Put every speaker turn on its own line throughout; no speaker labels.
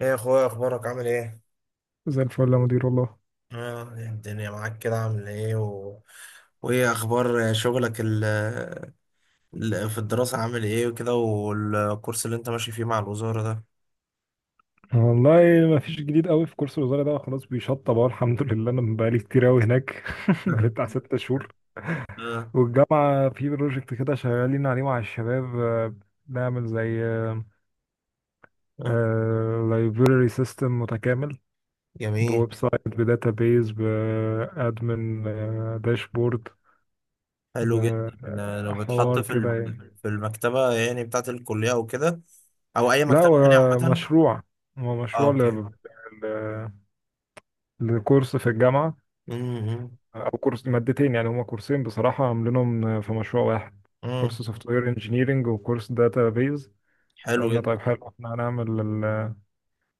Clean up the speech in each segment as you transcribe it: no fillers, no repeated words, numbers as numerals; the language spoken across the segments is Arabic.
ايه يا اخويا، اخبارك؟ عامل ايه؟
زي الفل يا مدير، والله
إيه الدنيا معاك كده، عامل ايه وايه اخبار شغلك في الدراسة، عامل ايه وكده، والكورس اللي انت ماشي فيه مع الوزارة ده؟
والله ما فيش جديد قوي في كورس الوزارة ده، خلاص بيشطب اهو الحمد لله. انا بقالي كتير قوي هناك بقالي بتاع 6 شهور.
اه.
والجامعة في بروجكت كده شغالين عليه مع الشباب، بنعمل زي
اه،
لايبراري سيستم متكامل
جميل.
بويب سايت بداتابيز بادمن داشبورد،
حلو جدا، إن لو بتحط
بحوار
في
كده يعني.
في المكتبة يعني بتاعة الكلية او كده، او اي
لا،
مكتبة يعني
هو
عامة.
مشروع، هو
اه
مشروع
اوكي.
ل- ل- لكورس في الجامعة،
امم
او كورس مادتين، يعني هما كورسين بصراحه عاملينهم في مشروع واحد، كورس
امم
سوفت وير انجينيرنج وكورس داتا بيز.
حلو
قلنا
جدا.
طيب حلو، احنا هنعمل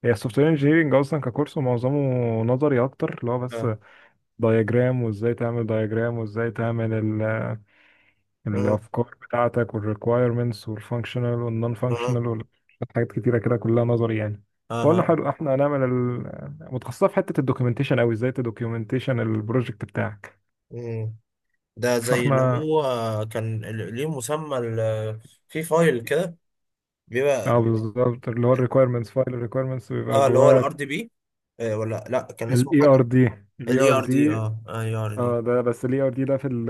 هي السوفت وير انجينيرنج اصلا ككورس معظمه نظري اكتر، اللي هو بس
اه،
دايجرام، وازاي تعمل دايجرام، وازاي تعمل
اه،
الافكار بتاعتك والريكوايرمنتس والفانكشنال والنون فانكشنال حاجات كتيره كده كلها نظري يعني. قلنا
اه،
حلو، احنا هنعمل متخصصه في حته الدوكيومنتيشن قوي، ازاي تدوكيومنتيشن البروجكت بتاعك.
اه، ده زي اللي
فاحنا،
هو كان في فايل كده، بيبقى
اه بالظبط، اللي هو الريكويرمنتس فايل، الريكويرمنتس بيبقى
اه، اللي هو
جواه.
الار دي بي، ولا لا، كان اسمه
الاي ار
حاجه
دي الاي
الاي
ار
ار
دي
دي، اه، اي ار دي.
اه ده بس الاي ار دي ده في ال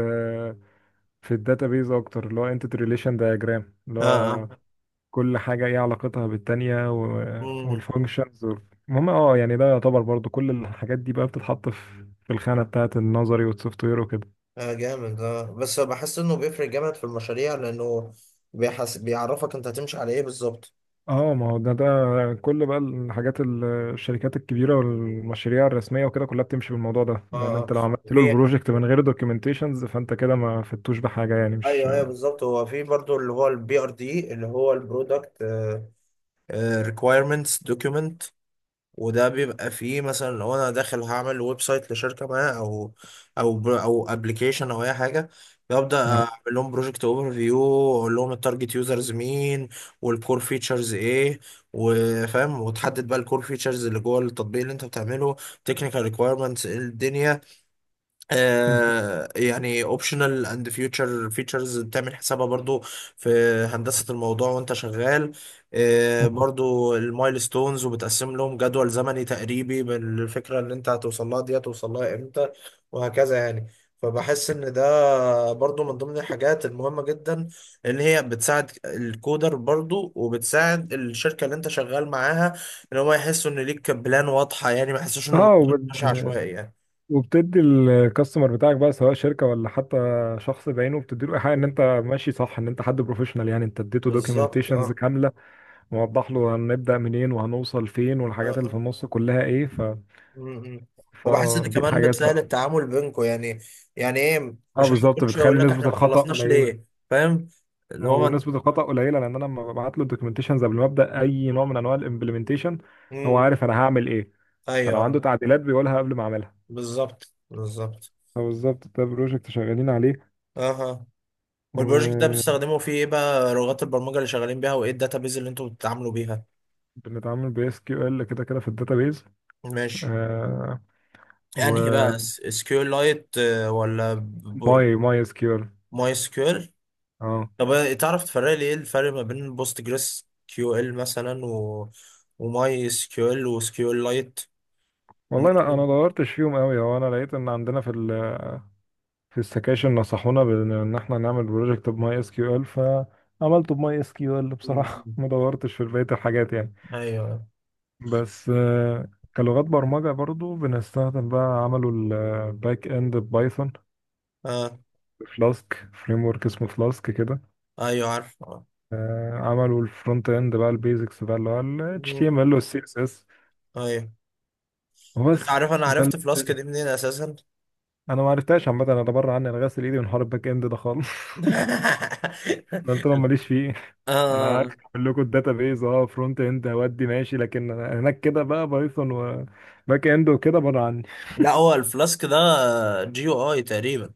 في الداتابيز اكتر، اللي هو انتيتي ريليشن دايجرام، اللي
اه، اه،
هو كل حاجه ايه علاقتها بالتانيه،
مم.
والفانكشنز. المهم يعني ده يعتبر برضو، كل الحاجات دي بقى بتتحط في الخانه بتاعه النظري والسوفت وير وكده.
اه جامد، اه، بس بحس انه بيفرق جامد في المشاريع لانه بيحس، بيعرفك انت هتمشي على ايه بالظبط.
اه، ما هو ده كل بقى الحاجات الشركات الكبيره والمشاريع الرسميه وكده، كلها بتمشي بالموضوع ده،
اه،
لان
اه،
انت لو عملت له
في
البروجكت من غير دوكيومنتيشنز فانت كده ما فدتوش بحاجه يعني، مش.
ايوه ايوه بالظبط، هو في برضو اللي هو البي ار دي اللي هو البرودكت ريكويرمنتس دوكيومنت، وده بيبقى فيه مثلا لو انا داخل هعمل ويب سايت لشركه ما، او او ابلكيشن او اي حاجه، ببدا
اه
اعمل لهم بروجكت اوفر فيو، اقول لهم التارجت يوزرز مين، والكور فيتشرز ايه، وفاهم، وتحدد بقى الكور فيتشرز اللي جوه التطبيق اللي انت بتعمله، تكنيكال ريكويرمنتس ايه الدنيا،
بالظبط.
يعني اوبشنال اند فيوتشر فيتشرز بتعمل حسابها برضو في هندسة الموضوع وانت شغال. برضو المايلستونز، وبتقسم لهم جدول زمني تقريبي بالفكرة اللي انت هتوصل لها دي، هتوصل لها امتى، وهكذا يعني. فبحس ان ده برضو من ضمن الحاجات المهمة جدا، ان هي بتساعد الكودر برضو وبتساعد الشركة اللي انت شغال معاها، ان هم يحسوا ان ليك بلان واضحة يعني، ما يحسوش ان
اه،
الموضوع
وبت...
ماشي عشوائي يعني.
وبتدي الكاستمر بتاعك بقى، سواء شركه ولا حتى شخص بعينه، بتدي له ايحاء ان انت ماشي صح، ان انت حد بروفيشنال، يعني انت اديته
بالظبط،
دوكيومنتيشنز
اه.
كامله، موضح له هنبدا منين وهنوصل فين والحاجات اللي في
آه.
النص كلها ايه.
مم. وبحس ان
فدي
كمان
الحاجات
بتسهل
بقى.
التعامل بينكم يعني، يعني ايه،
اه
مش هقعد
بالظبط،
كل شويه اقول
بتخلي
لك احنا
نسبة
ما
الخطأ
خلصناش
قليلة.
ليه. فاهم، اللي هو ما انت.
ونسبة الخطأ قليلة، لأن أنا لما ببعت له الدوكيومنتيشنز قبل ما أبدأ أي نوع من أنواع الإمبلمنتيشن هو
مم.
عارف أنا هعمل إيه،
ايوه،
فلو عنده
آه.
تعديلات بيقولها قبل ما أعملها.
بالظبط، بالظبط.
فبالظبط، ده بروجكت شغالين عليه
اها. والبروجكت ده
وبنتعامل
بتستخدموا فيه ايه بقى لغات البرمجه اللي شغالين بيها، وايه الداتابيز اللي انتوا بتتعاملوا بيها؟
ب SQL كده كده في الداتابيز.
ماشي.
آه، و
انهي بقى، اس كيو لايت ولا
ماي اس كيو ال.
ماي سكيول؟
اه،
طب تعرف تفرق لي ايه الفرق ما بين بوست جريس كيو ال مثلا وماي اس كيو ال وسكيو ال لايت؟ ومن...
والله لا، انا دورتش فيهم قوي. هو انا لقيت ان عندنا في السكاشن نصحونا إن احنا نعمل بروجكت بماي اس كيو ال، فعملته بماي اس كيو ال بصراحه ما دورتش في بقيه الحاجات يعني.
ايوه.
بس كلغات برمجه برضو بنستخدم بقى، عملوا الباك اند بايثون،
اه،
فلاسك فريم ورك اسمه فلاسك كده.
ايوه عارف آه.
عملوا الفرونت اند بقى البيزكس، بقى اللي هو ال
مم.
HTML وال CSS،
ايوه. انت
وبس.
عارف انا
ده ال-
عرفت
ده
فلاسك
ال-
دي منين اساسا؟
انا ما عرفتهاش عامه، انا ده بره عني، انا غاسل ايدي من حوار الباك اند ده خالص. ده قلت لهم ماليش فيه. انا عارف
آه.
اقول لكم الداتا بيز، فرونت اند هودي ماشي، لكن أنا هناك كده بقى بايثون وباك اند وكده بره عني.
لا، هو الفلاسك ده جي او اي تقريبا.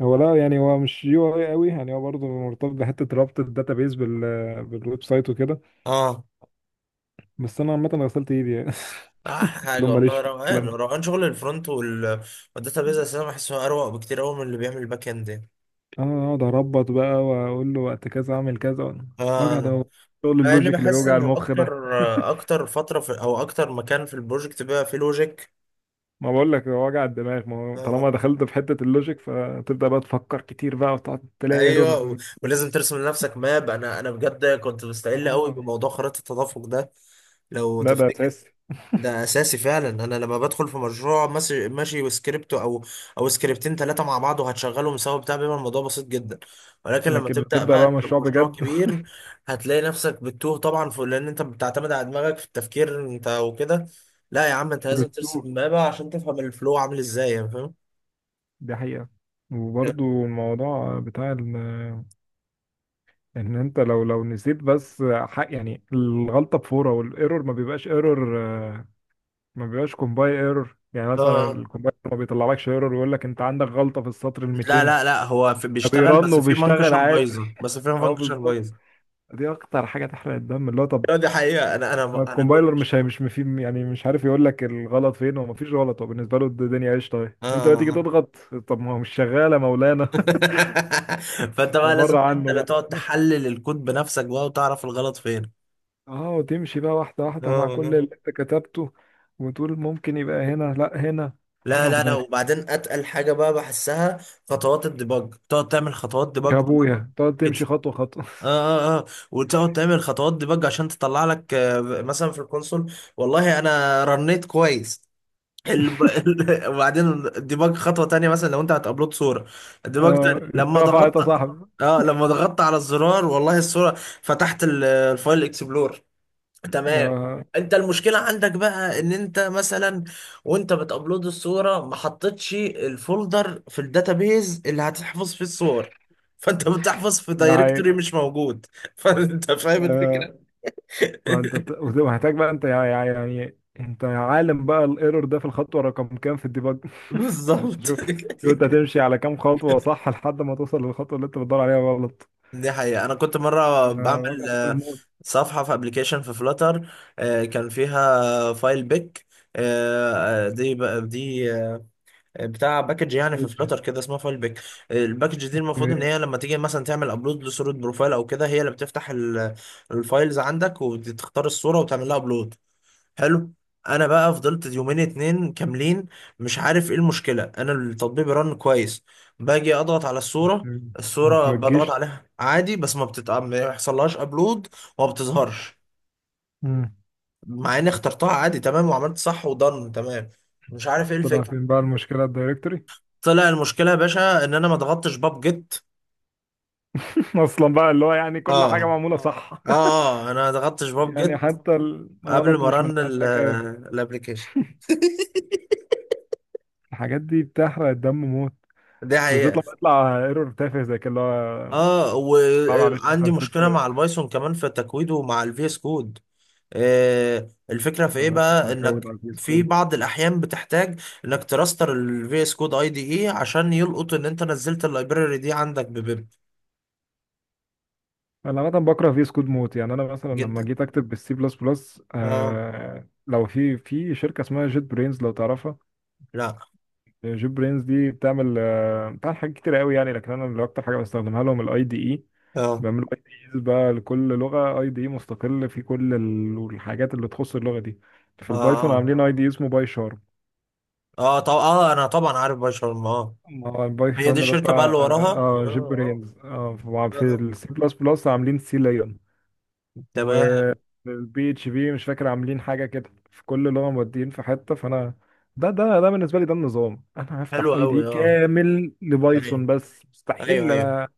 هو لا، يعني هو مش يو اي قوي، يعني هو برضه مرتبط بحته ربط الداتا بيز بالويب سايت وكده.
اه،
بس انا عامه غسلت ايدي يعني
احلى
قلت
حاجه
لهم ماليش
والله،
في
روقان
الكلام ده.
روقان شغل الفرونت وال والداتا بيز اساسا بحسه اروق بكتير قوي من اللي بيعمل الباك اند يعني.
انا اقعد اربط بقى واقول له وقت كذا اعمل كذا. وجع
اه.
ده، شغل
مع اني
اللوجيك اللي
بحس
بيوجع
ان
المخ ده
اكتر، اكتر فتره في او اكتر مكان في البروجكت بقى فيه لوجيك.
ما بقول لك، هو وجع الدماغ، ما هو طالما
آه،
دخلت في حته اللوجيك فتبدا بقى تفكر كتير بقى وتقعد تلاقي
ايوه
ايرورز.
ولازم ترسم لنفسك ماب. انا بجد كنت مستقل قوي بموضوع خريطه التدفق ده لو
لا، ده
تفتكر.
اساسي.
ده اساسي فعلا، انا لما بدخل في مشروع ماشي ماشي وسكريبت او سكريبتين ثلاثه مع بعض وهتشغلهم سوا بتاع، بيبقى الموضوع بسيط جدا. ولكن لما
لكن
تبدا
بتبدأ
بقى
بقى
في
مشروع
مشروع
بجد
كبير هتلاقي نفسك بتتوه طبعا في، لان انت بتعتمد على دماغك في التفكير انت وكده. لا يا عم، انت لازم
فبتتوه،
ترسم مابا عشان تفهم الفلو عامل ازاي يعني. فاهم؟
دي حقيقة. وبرضو الموضوع بتاع ان انت لو نسيت بس حق يعني الغلطة بفورة والايرور ما بيبقاش ايرور، ما بيبقاش كومباي ايرور، يعني مثلا
اه،
الكومباي ما بيطلعلكش ايرور ويقول لك انت عندك غلطة في السطر ال
لا
200،
لا لا، هو في بيشتغل،
فبيرن
بس في
وبيشتغل
منكشن
عادي.
بايظه، بس في
اه
منكشن
بالظبط،
بايظه.
دي اكتر حاجة تحرق الدم، اللي هو طب.
دي حقيقه، انا انا انا كنت.
الكومبايلر مش هي مش مفي يعني، مش عارف يقول لك الغلط فين، هو مفيش غلط، هو بالنسبه له الدنيا قشطه اهي. انت بقى تيجي
اه.
تضغط، طب ما هو مش شغاله مولانا.
فانت بقى لازم
بره
انت
عنه
اللي
بقى
تقعد تحلل الكود بنفسك بقى وتعرف الغلط فين.
اه، وتمشي بقى واحده
اه،
واحده مع كل
اه،
اللي انت كتبته، وتقول ممكن يبقى هنا، لا هنا. وحاجه
لا
على
لا لا،
دماغي،
وبعدين اتقل حاجه بقى بحسها، خطوات الديباج، تقعد تعمل خطوات ديباج
يا
ديباج
ابويا تقعد
كده،
تمشي خطوه خطوه
اه، اه، اه. وتقعد تعمل خطوات ديباج عشان تطلع لك مثلا في الكونسول، والله انا رنيت كويس وبعدين الديباج خطوه تانية، مثلا لو انت هتابلود صوره، الديباج
اه
تاني لما
اترفعت يا
ضغطت.
صاحبي.
اه، لما ضغطت على الزرار، والله الصوره فتحت الفايل اكسبلور، تمام.
ده
انت المشكلة عندك بقى ان انت مثلا وانت بتابلود الصورة ما حطيتش الفولدر في الداتابيز اللي هتحفظ فيه الصور، فانت بتحفظ في
ده حقيقي.
دايركتوري مش موجود فانت فاهم
آه،
الفكرة.
ما انت وهتحتاج بقى انت، يعني انت عالم بقى الايرور ده في الخطوه رقم كام في الديباج. انت
بالظبط.
شوف، شوف انت هتمشي على كام خطوة صح لحد ما توصل للخطوة اللي انت بتدور عليها غلط.
دي حقيقة، أنا كنت مرة
وجع
بعمل
دماغ موت.
صفحة في ابلكيشن في فلاتر، كان فيها فايل بيك. دي بتاع باكج يعني، في
وجه.
فلتر كده اسمها فايل بيك. الباكج دي المفروض ان هي لما تيجي مثلا تعمل ابلود لصوره بروفايل او كده، هي اللي بتفتح الفايلز عندك وتختار الصوره وتعمل لها ابلود، حلو. انا بقى فضلت يومين اتنين كاملين مش عارف ايه المشكله، انا التطبيق رن كويس، باجي اضغط على الصوره، الصوره
ما
بضغط
تجيش.
عليها عادي، بس ما يحصلهاش ابلود وما بتظهرش،
مم.
مع اني اخترتها عادي تمام وعملت صح ودن تمام، مش عارف ايه
طلع
الفكره.
فين بقى المشكلة، الدايركتوري؟
طلع المشكله يا باشا ان انا ما ضغطتش باب جيت.
اصلا بقى، اللي هو يعني كل
اه،
حاجة معمولة صح
اه، انا ما ضغطتش باب
يعني
جيت
حتى
قبل
الغلط
ما
مش من
رن
عندك قوي،
الابلكيشن.
الحاجات دي بتحرق الدم موت،
دي
بالذات
حقيقه.
لما يطلع ايرور تافه زي كده اللي هو.
اه،
لا معلش انت
وعندي
نسيت.
مشكله مع البايثون كمان في تكويده مع الفي اس كود. آه، الفكره في ايه
مش
بقى،
هكود
انك
على الفيس
في
كود،
بعض الاحيان بتحتاج انك تراستر الفي اس كود اي دي اي عشان يلقط ان انت نزلت اللايبراري دي عندك ببيب.
انا عامه بكره في سكود موت يعني. انا مثلا لما
جدا.
جيت اكتب بالسي بلس بلس،
اه.
لو في شركه اسمها جيت برينز لو تعرفها.
لا.
جيت برينز دي بتعمل، بتعمل حاجات كتير قوي يعني، لكن انا اللي اكتر حاجه بستخدمها لهم الاي دي اي.
اه،
بعمل اي دي ايز بقى لكل لغه، اي دي اي مستقل في كل الحاجات اللي تخص اللغه دي. في
اه،
البايثون
اه،
عاملين اي دي اسمه باي شارم.
اه طب اه انا طبعا عارف باي شرم، اه،
اه الباي
هي دي
شارم ده
الشركة بقى
بتاع
اللي وراها،
جيت
اه.
برينز اه.
اه،
في
آه.
السي بلس بلس عاملين سي ليون.
تمام.
البي اتش بي مش فاكر عاملين حاجه كده، في كل لغه مودين في حته. فانا ده بالنسبه لي ده النظام، انا
حلو
هفتح اي دي
قوي، اه.
كامل
ايوه،
لبايثون بس،
ايوه،
مستحيل
ايوه،
انا.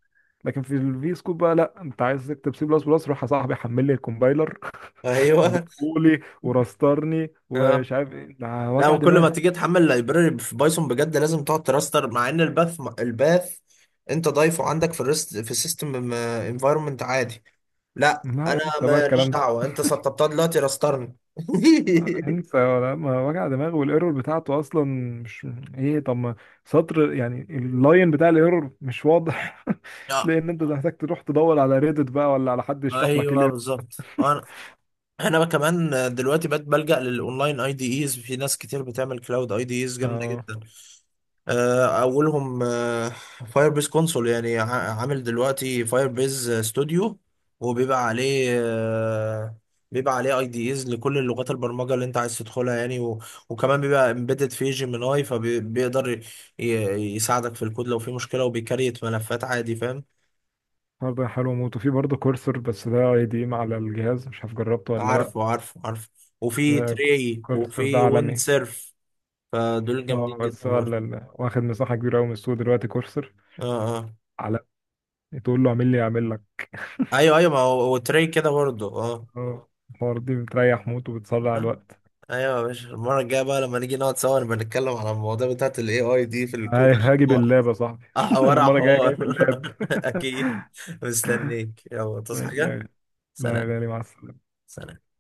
لكن في الفي سكوب بقى، لا، انت عايز تكتب سي بلس بلس روح يا صاحبي حمل لي الكومبايلر
ايوه.
ودقولي ورسترني
اه،
ومش عارف ايه، ده
لا
وجع
وكل ما
دماغ.
تيجي تحمل لايبراري في بايثون بجد لازم تقعد تراستر، مع ان الباث انت ضايفه عندك في الريست في السيستم انفايرمنت عادي، لا
لا
انا
انسى بقى
ماليش
الكلام ده،
دعوه، انت سطبتها دلوقتي راسترني.
انسى، ولا ما وجع دماغ والايرور بتاعته اصلا مش ايه، طب ما سطر يعني اللاين بتاع الايرور مش واضح
لا.
تلاقي ان انت محتاج تروح تدور على ريدت بقى ولا على حد يشرح لك ايه
ايوه
الايرور.
بالظبط، انا كمان دلوقتي بقيت بلجأ للاونلاين اي دي ايز، في ناس كتير بتعمل كلاود اي دي ايز جامده
اه،
جدا. اولهم فاير بيز كونسول، يعني عامل دلوقتي فاير بيز ستوديو وبيبقى عليه بيبقى عليه اي دي ايز لكل اللغات البرمجه اللي انت عايز تدخلها يعني وكمان بيبقى امبيدد في جيميناي، فبيقدر ي... يساعدك في الكود لو في مشكله وبيكريت ملفات عادي، فاهم.
برضه حلو موت. وفي برضه كورسر، بس ده اي دي ام على الجهاز مش عارف جربته ولا لا.
عارفه عارفه عارفه، وفي
ده
تري
كورسر ده
وفي ويند
عالمي.
سيرف، فدول جامدين
اه
جدا
بس هو
برضه.
واخد مساحة كبيرة قوي من السوق دلوقتي كورسر،
اه، اه،
على، تقول له اعمل لي اعمل لك.
ايوه، ايوه، ما هو هو تري كده برضه، اه.
اه، الحوار دي بتريح موت وبتسرع الوقت.
ايوه يا باشا، المره الجايه بقى لما نيجي نقعد سوا نبقى نتكلم على المواضيع بتاعت الاي اي دي في الكود عشان
هاجي
هو.
باللاب يا صاحبي انا
حوار على
المره الجايه جاي
حوار.
باللاب
اكيد. مستنيك، يلا تصحى
ماشي يا
حاجه.
غالي. لا يا
سلام.
غالي، مع السلامه.
سلام.